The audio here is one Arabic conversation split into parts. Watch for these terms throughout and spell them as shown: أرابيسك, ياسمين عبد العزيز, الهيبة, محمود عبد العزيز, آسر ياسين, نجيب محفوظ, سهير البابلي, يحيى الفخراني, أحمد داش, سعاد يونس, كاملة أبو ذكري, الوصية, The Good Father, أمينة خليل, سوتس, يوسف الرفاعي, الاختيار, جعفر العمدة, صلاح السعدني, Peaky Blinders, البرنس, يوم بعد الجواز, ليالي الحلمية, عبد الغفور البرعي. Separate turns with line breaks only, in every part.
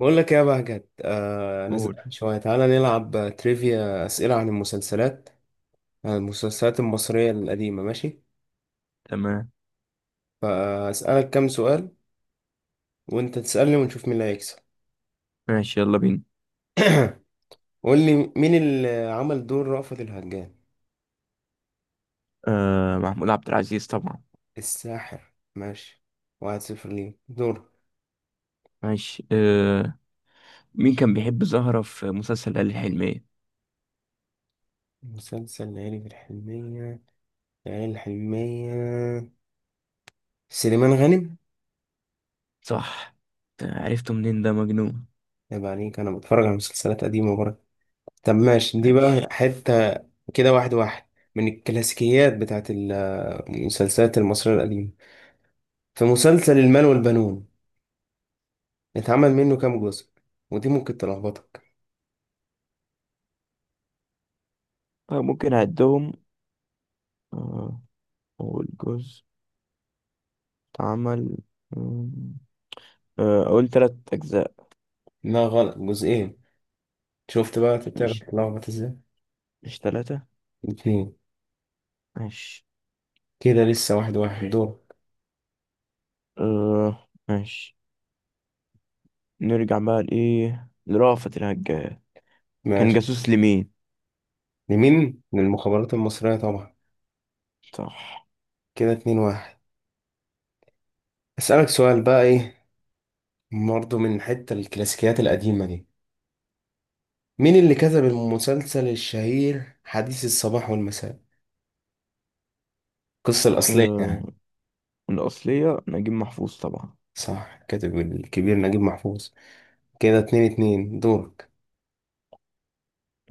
بقول لك إيه يا بهجت، انا
قول.
زهقان شويه. تعالى نلعب تريفيا، اسئله عن المسلسلات، عن المسلسلات المصريه القديمه. ماشي،
تمام.
فاسالك كام سؤال وانت تسالني ونشوف مين اللي هيكسب.
ماشي، يلا بينا.
قول لي مين اللي عمل دور رأفت الهجان.
آه محمود عبد العزيز طبعا.
الساحر، ماشي. 1-0 ليه. دور.
ماشي. مين كان بيحب زهرة في مسلسل ليالي الحلمية؟
مسلسل ليالي الحلمية. سليمان غانم.
صح. عرفته منين ده مجنون؟
عيب عليك، أنا بتفرج على مسلسلات قديمة برضه. طب ماشي، دي
ماشي.
بقى حتة. كده 1-1. من الكلاسيكيات بتاعت المسلسلات المصرية القديمة. في مسلسل المال والبنون، اتعمل منه كام جزء؟ ودي ممكن تلخبطك.
طيب ممكن أعدهم. آه أول جزء اتعمل. مم، آه أقول تلات أجزاء.
لا، غلط، جزئين. شفت بقى، انت بتعرف
مش
تلخبط ازاي.
مش تلاتة.
اتنين.
ماشي.
كده لسه 1-1. دور.
آه ماشي. نرجع بقى لرأفت الهجان. كان
ماشي.
جاسوس لمين؟
لمين؟ للمخابرات المصرية طبعا.
صح.
كده 2-1. اسألك سؤال بقى ايه، برضه من حتة الكلاسيكيات القديمة دي. مين اللي كتب المسلسل الشهير حديث الصباح والمساء؟ القصة الأصلية
آه
يعني.
الأصلية نجيب محفوظ طبعا.
صح، الكاتب الكبير نجيب محفوظ. كده 2-2. دورك.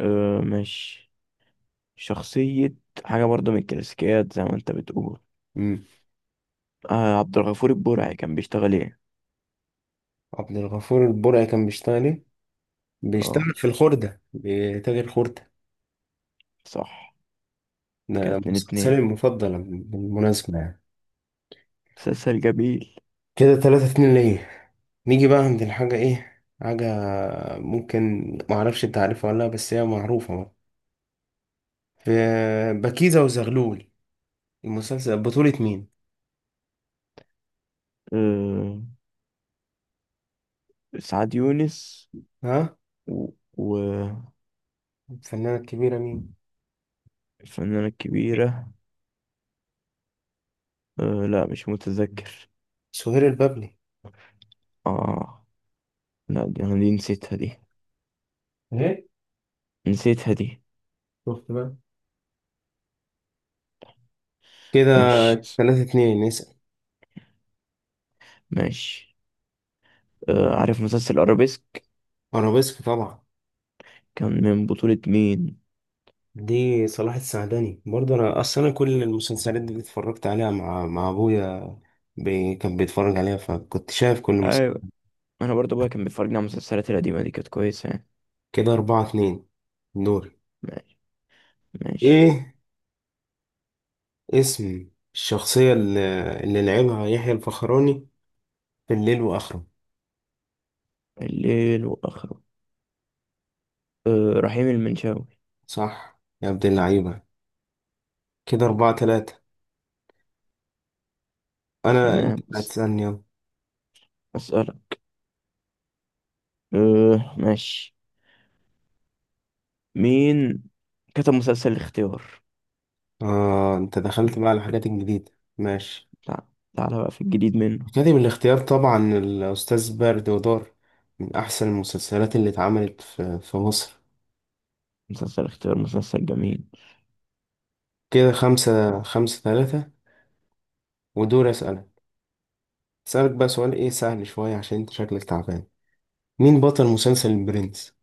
أه ماشي. شخصية، حاجة برضه من الكلاسيكيات زي ما انت بتقول.
مم.
آه عبد الغفور البرعي كان بيشتغل ايه؟
عبد الغفور البرعي كان بيشتغل ايه؟
اه
بيشتغل في الخردة، بتاجر خردة.
صح. كده
ده
اتنين
مسلسلي
اتنين.
المفضل بالمناسبة يعني.
مسلسل جميل.
كده 3-2 ليا. نيجي بقى عند الحاجة ايه؟ حاجة ممكن معرفش تعرفها ولا لأ، بس هي معروفة بقى. في بكيزة وزغلول. المسلسل بطولة مين؟
أه سعاد يونس
ها؟
و... و-
الفنانة الكبيرة مين؟
الفنانة الكبيرة، أه لا مش متذكر.
سهير البابلي.
اه لا دي انا، نسيتها دي،
ايه؟
نسيتها دي.
شفت بقى. كده
ماشي.
3-2. اسأل.
ماشي. أه عارف مسلسل ارابيسك؟
ارابيسك طبعا.
كان من بطولة مين؟
دي صلاح السعدني برضه. انا اصلا أنا كل المسلسلات دي اتفرجت عليها مع ابويا. كان بيتفرج عليها فكنت شايف كل مسلسل.
ايوه، انا برضه ابويا كان بيفرجني على المسلسلات القديمة دي كانت كويسة يعني.
كده 4-2. دور.
ماشي. ماشي.
ايه اسم الشخصية اللي لعبها يحيى الفخراني في الليل وآخره؟
الليل وآخره، أه رحيم المنشاوي.
صح يا عبد اللعيبة. كده 4-3. أنت
تمام.
اللي هتسألني، يلا.
أسألك. أه ماشي. مين كتب مسلسل الاختيار؟
آه، أنت دخلت بقى على الحاجات الجديدة. ماشي.
تع- تعالى بقى في الجديد منه.
أكاديمي الاختيار طبعا، الأستاذ برد ودار. من أحسن المسلسلات اللي اتعملت في مصر.
مسلسل اختيار مسلسل جميل.
كده خمسة ثلاثة. ودور. أسألك. أسألك بقى سؤال إيه سهل شوية عشان أنت شكلك تعبان. مين بطل مسلسل البرنس؟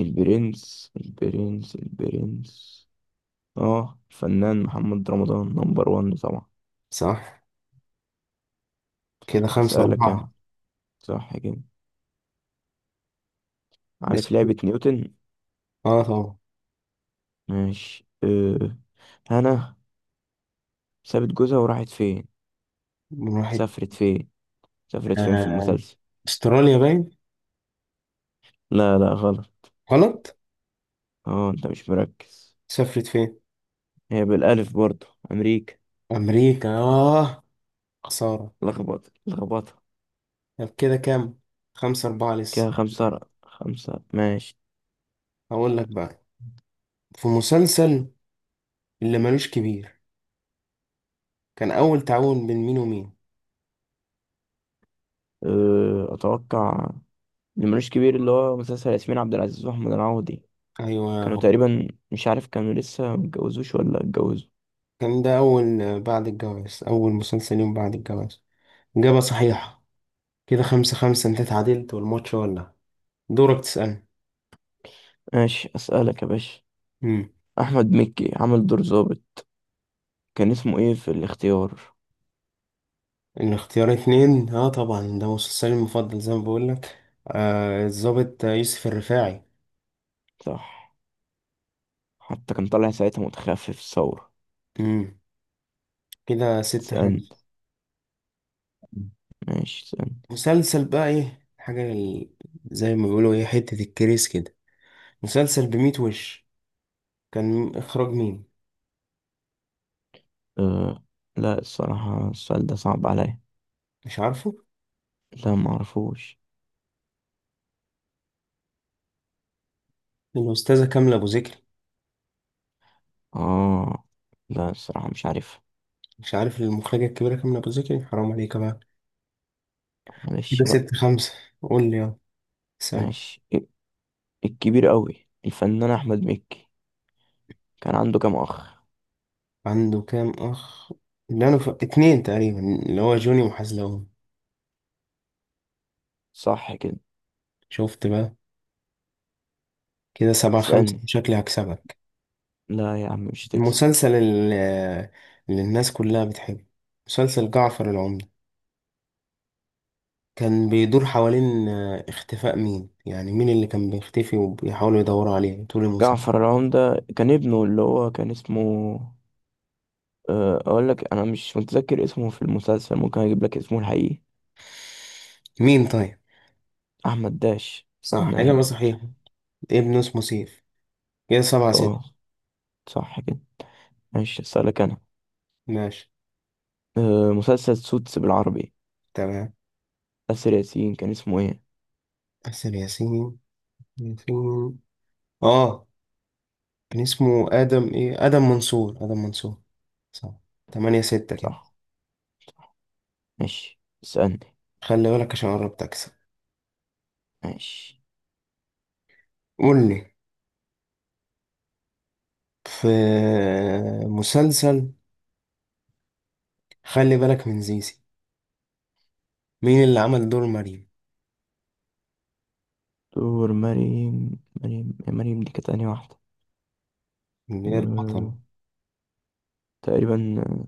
البرنس، اه الفنان محمد رمضان نمبر وان طبعا.
صح، كده خمسة
أسألك أنا.
أربعة
صح كده.
لسه
عارف
في-
لعبة نيوتن؟
آه، طبعا.
ماشي. أه هنا سابت جوزها وراحت فين؟
من واحد.
سافرت فين؟ سافرت فين في
آه.
المسلسل؟
أستراليا باين.
لا غلط.
غلط.
اه انت مش مركز.
سافرت فين؟
هي بالالف برضو، امريكا.
أمريكا. آه، خسارة.
لخبط لخبطة.
طب كده كام؟ 5-4
كده
لسه.
خمسة خمسة ماشي.
هقول لك بقى. في مسلسل اللي ملوش كبير، كان أول تعاون بين مين ومين؟
أه، اتوقع اللي ملوش كبير اللي هو مسلسل ياسمين عبد العزيز واحمد العوضي.
أيوة
كانوا
هو.
تقريبا مش عارف كانوا لسه متجوزوش ولا اتجوزوا.
كان ده أول، بعد الجواز، أول مسلسل يوم بعد الجواز. إجابة صحيحة. كده 5-5. أنت تعادلت والماتش ولا. دورك تسألني.
ماشي. اسألك يا باشا.
مم.
احمد مكي عمل دور ظابط، كان اسمه ايه في الاختيار؟
الاختيار 2، اه طبعا ده مسلسلي المفضل زي ما بقولك. آه، الضابط يوسف الرفاعي.
صح. حتى كان طالع ساعتها متخفف الثورة.
مم. كده ستة
تسألني.
خمسة
ماشي.
مسلسل بقى ايه حاجة زي ما بيقولوا ايه حتة الكريس كده. مسلسل بميت وش، كان إخراج مين؟
أه لا الصراحة السؤال ده صعب عليا.
مش عارفه.
لا معرفوش.
الأستاذة كاملة أبو ذكري.
اه لا الصراحة مش عارف.
مش عارف المخرجة الكبيرة كام أبو زكي، حرام عليك بقى. كده
معلش بقى.
6-5. قول لي يلا. ثانية.
ماشي. الكبير قوي الفنان أحمد مكي كان عنده كام أخ؟
عنده كام أخ؟ اتنين تقريبا، اللي هو جوني وحزلقون.
صح كده.
شفت بقى. كده 7-5،
تسألني.
شكلي هكسبك.
لا يا عم مش تكسب.
المسلسل اللي الناس كلها بتحبه، مسلسل جعفر العمدة، كان بيدور حوالين اختفاء مين؟ يعني مين اللي كان بيختفي وبيحاولوا يدوروا عليه طول الموسم.
جعفر العمدة كان ابنه اللي هو كان اسمه، أه أقول لك أنا مش متذكر اسمه في المسلسل، ممكن أجيب لك اسمه الحقيقي
مين طيب.
أحمد داش
صح، حاجة
فنان.
ما صحيحة. ابنه اسمه سيف. كده سبعة
اه
ستة
صح كده. ماشي أسألك أنا.
ماشي.
أه مسلسل سوتس بالعربي،
تمام.
آسر ياسين كان اسمه ايه؟
أحسن ياسين. آه كان اسمه آدم منصور. صح. 8-6 كده.
صح. ماشي اسألني.
خلي بالك عشان قربت أكسب.
ماشي.
قول لي، في مسلسل خلي بالك من زيزي، مين اللي عمل دور مريم؟
دور مريم مريم دي كانت أنهي واحدة؟
اللي هي البطلة.
أه... تقريبا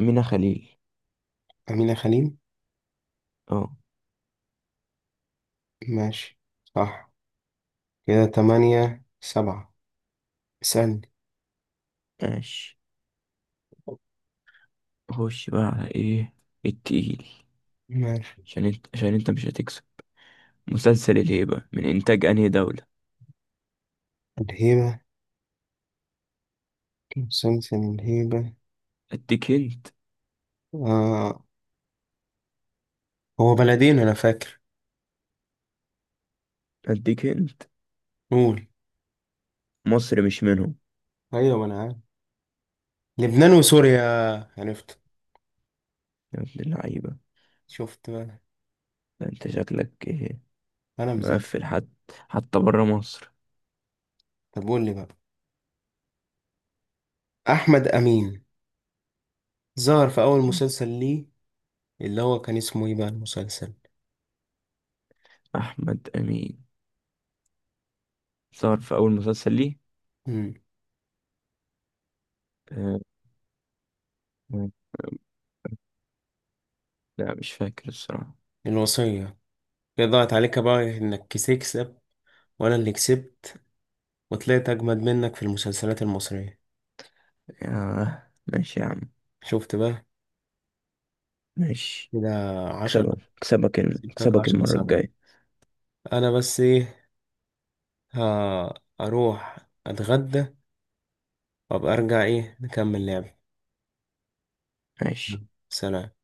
أمينة خليل.
أمينة خليل.
اه.
ماشي، صح. كده 8-7. اسألني.
ماشي. خش بقى على ايه التقيل
ماشي.
عشان انت مش هتكسب. مسلسل الهيبة من انتاج انهي دولة؟
الهيبة. مسلسل الهيبة.
اديك هنت.
آه، هو بلدين أنا فاكر.
اديك هنت.
قول.
مصر مش منهم.
أيوة، ما أنا عارف. لبنان وسوريا. عرفت.
يا ابن اللعيبة.
شفت بقى.
ده انت شكلك ايه،
انا مزاج.
مقفل حد. حتى برا مصر.
طب قول لي بقى، احمد امين ظهر في اول مسلسل ليه، اللي هو كان اسمه ايه بقى المسلسل؟
احمد امين ظهر في اول مسلسل ليه،
امم
آه، آه، لا مش فاكر الصراحة.
الوصية. هي ضاعت عليك بقى انك تكسب، وانا اللي كسبت، وطلعت اجمد منك في المسلسلات المصرية.
يا ماشي يا عم.
شفت بقى.
ماشي.
كده 10. كسبتك
اكسبك
عشرة
المرة
سبعة
الجاية.
انا بس ايه، ها، اروح اتغدى وابقى ارجع ايه نكمل لعب.
ماشي.
سلام.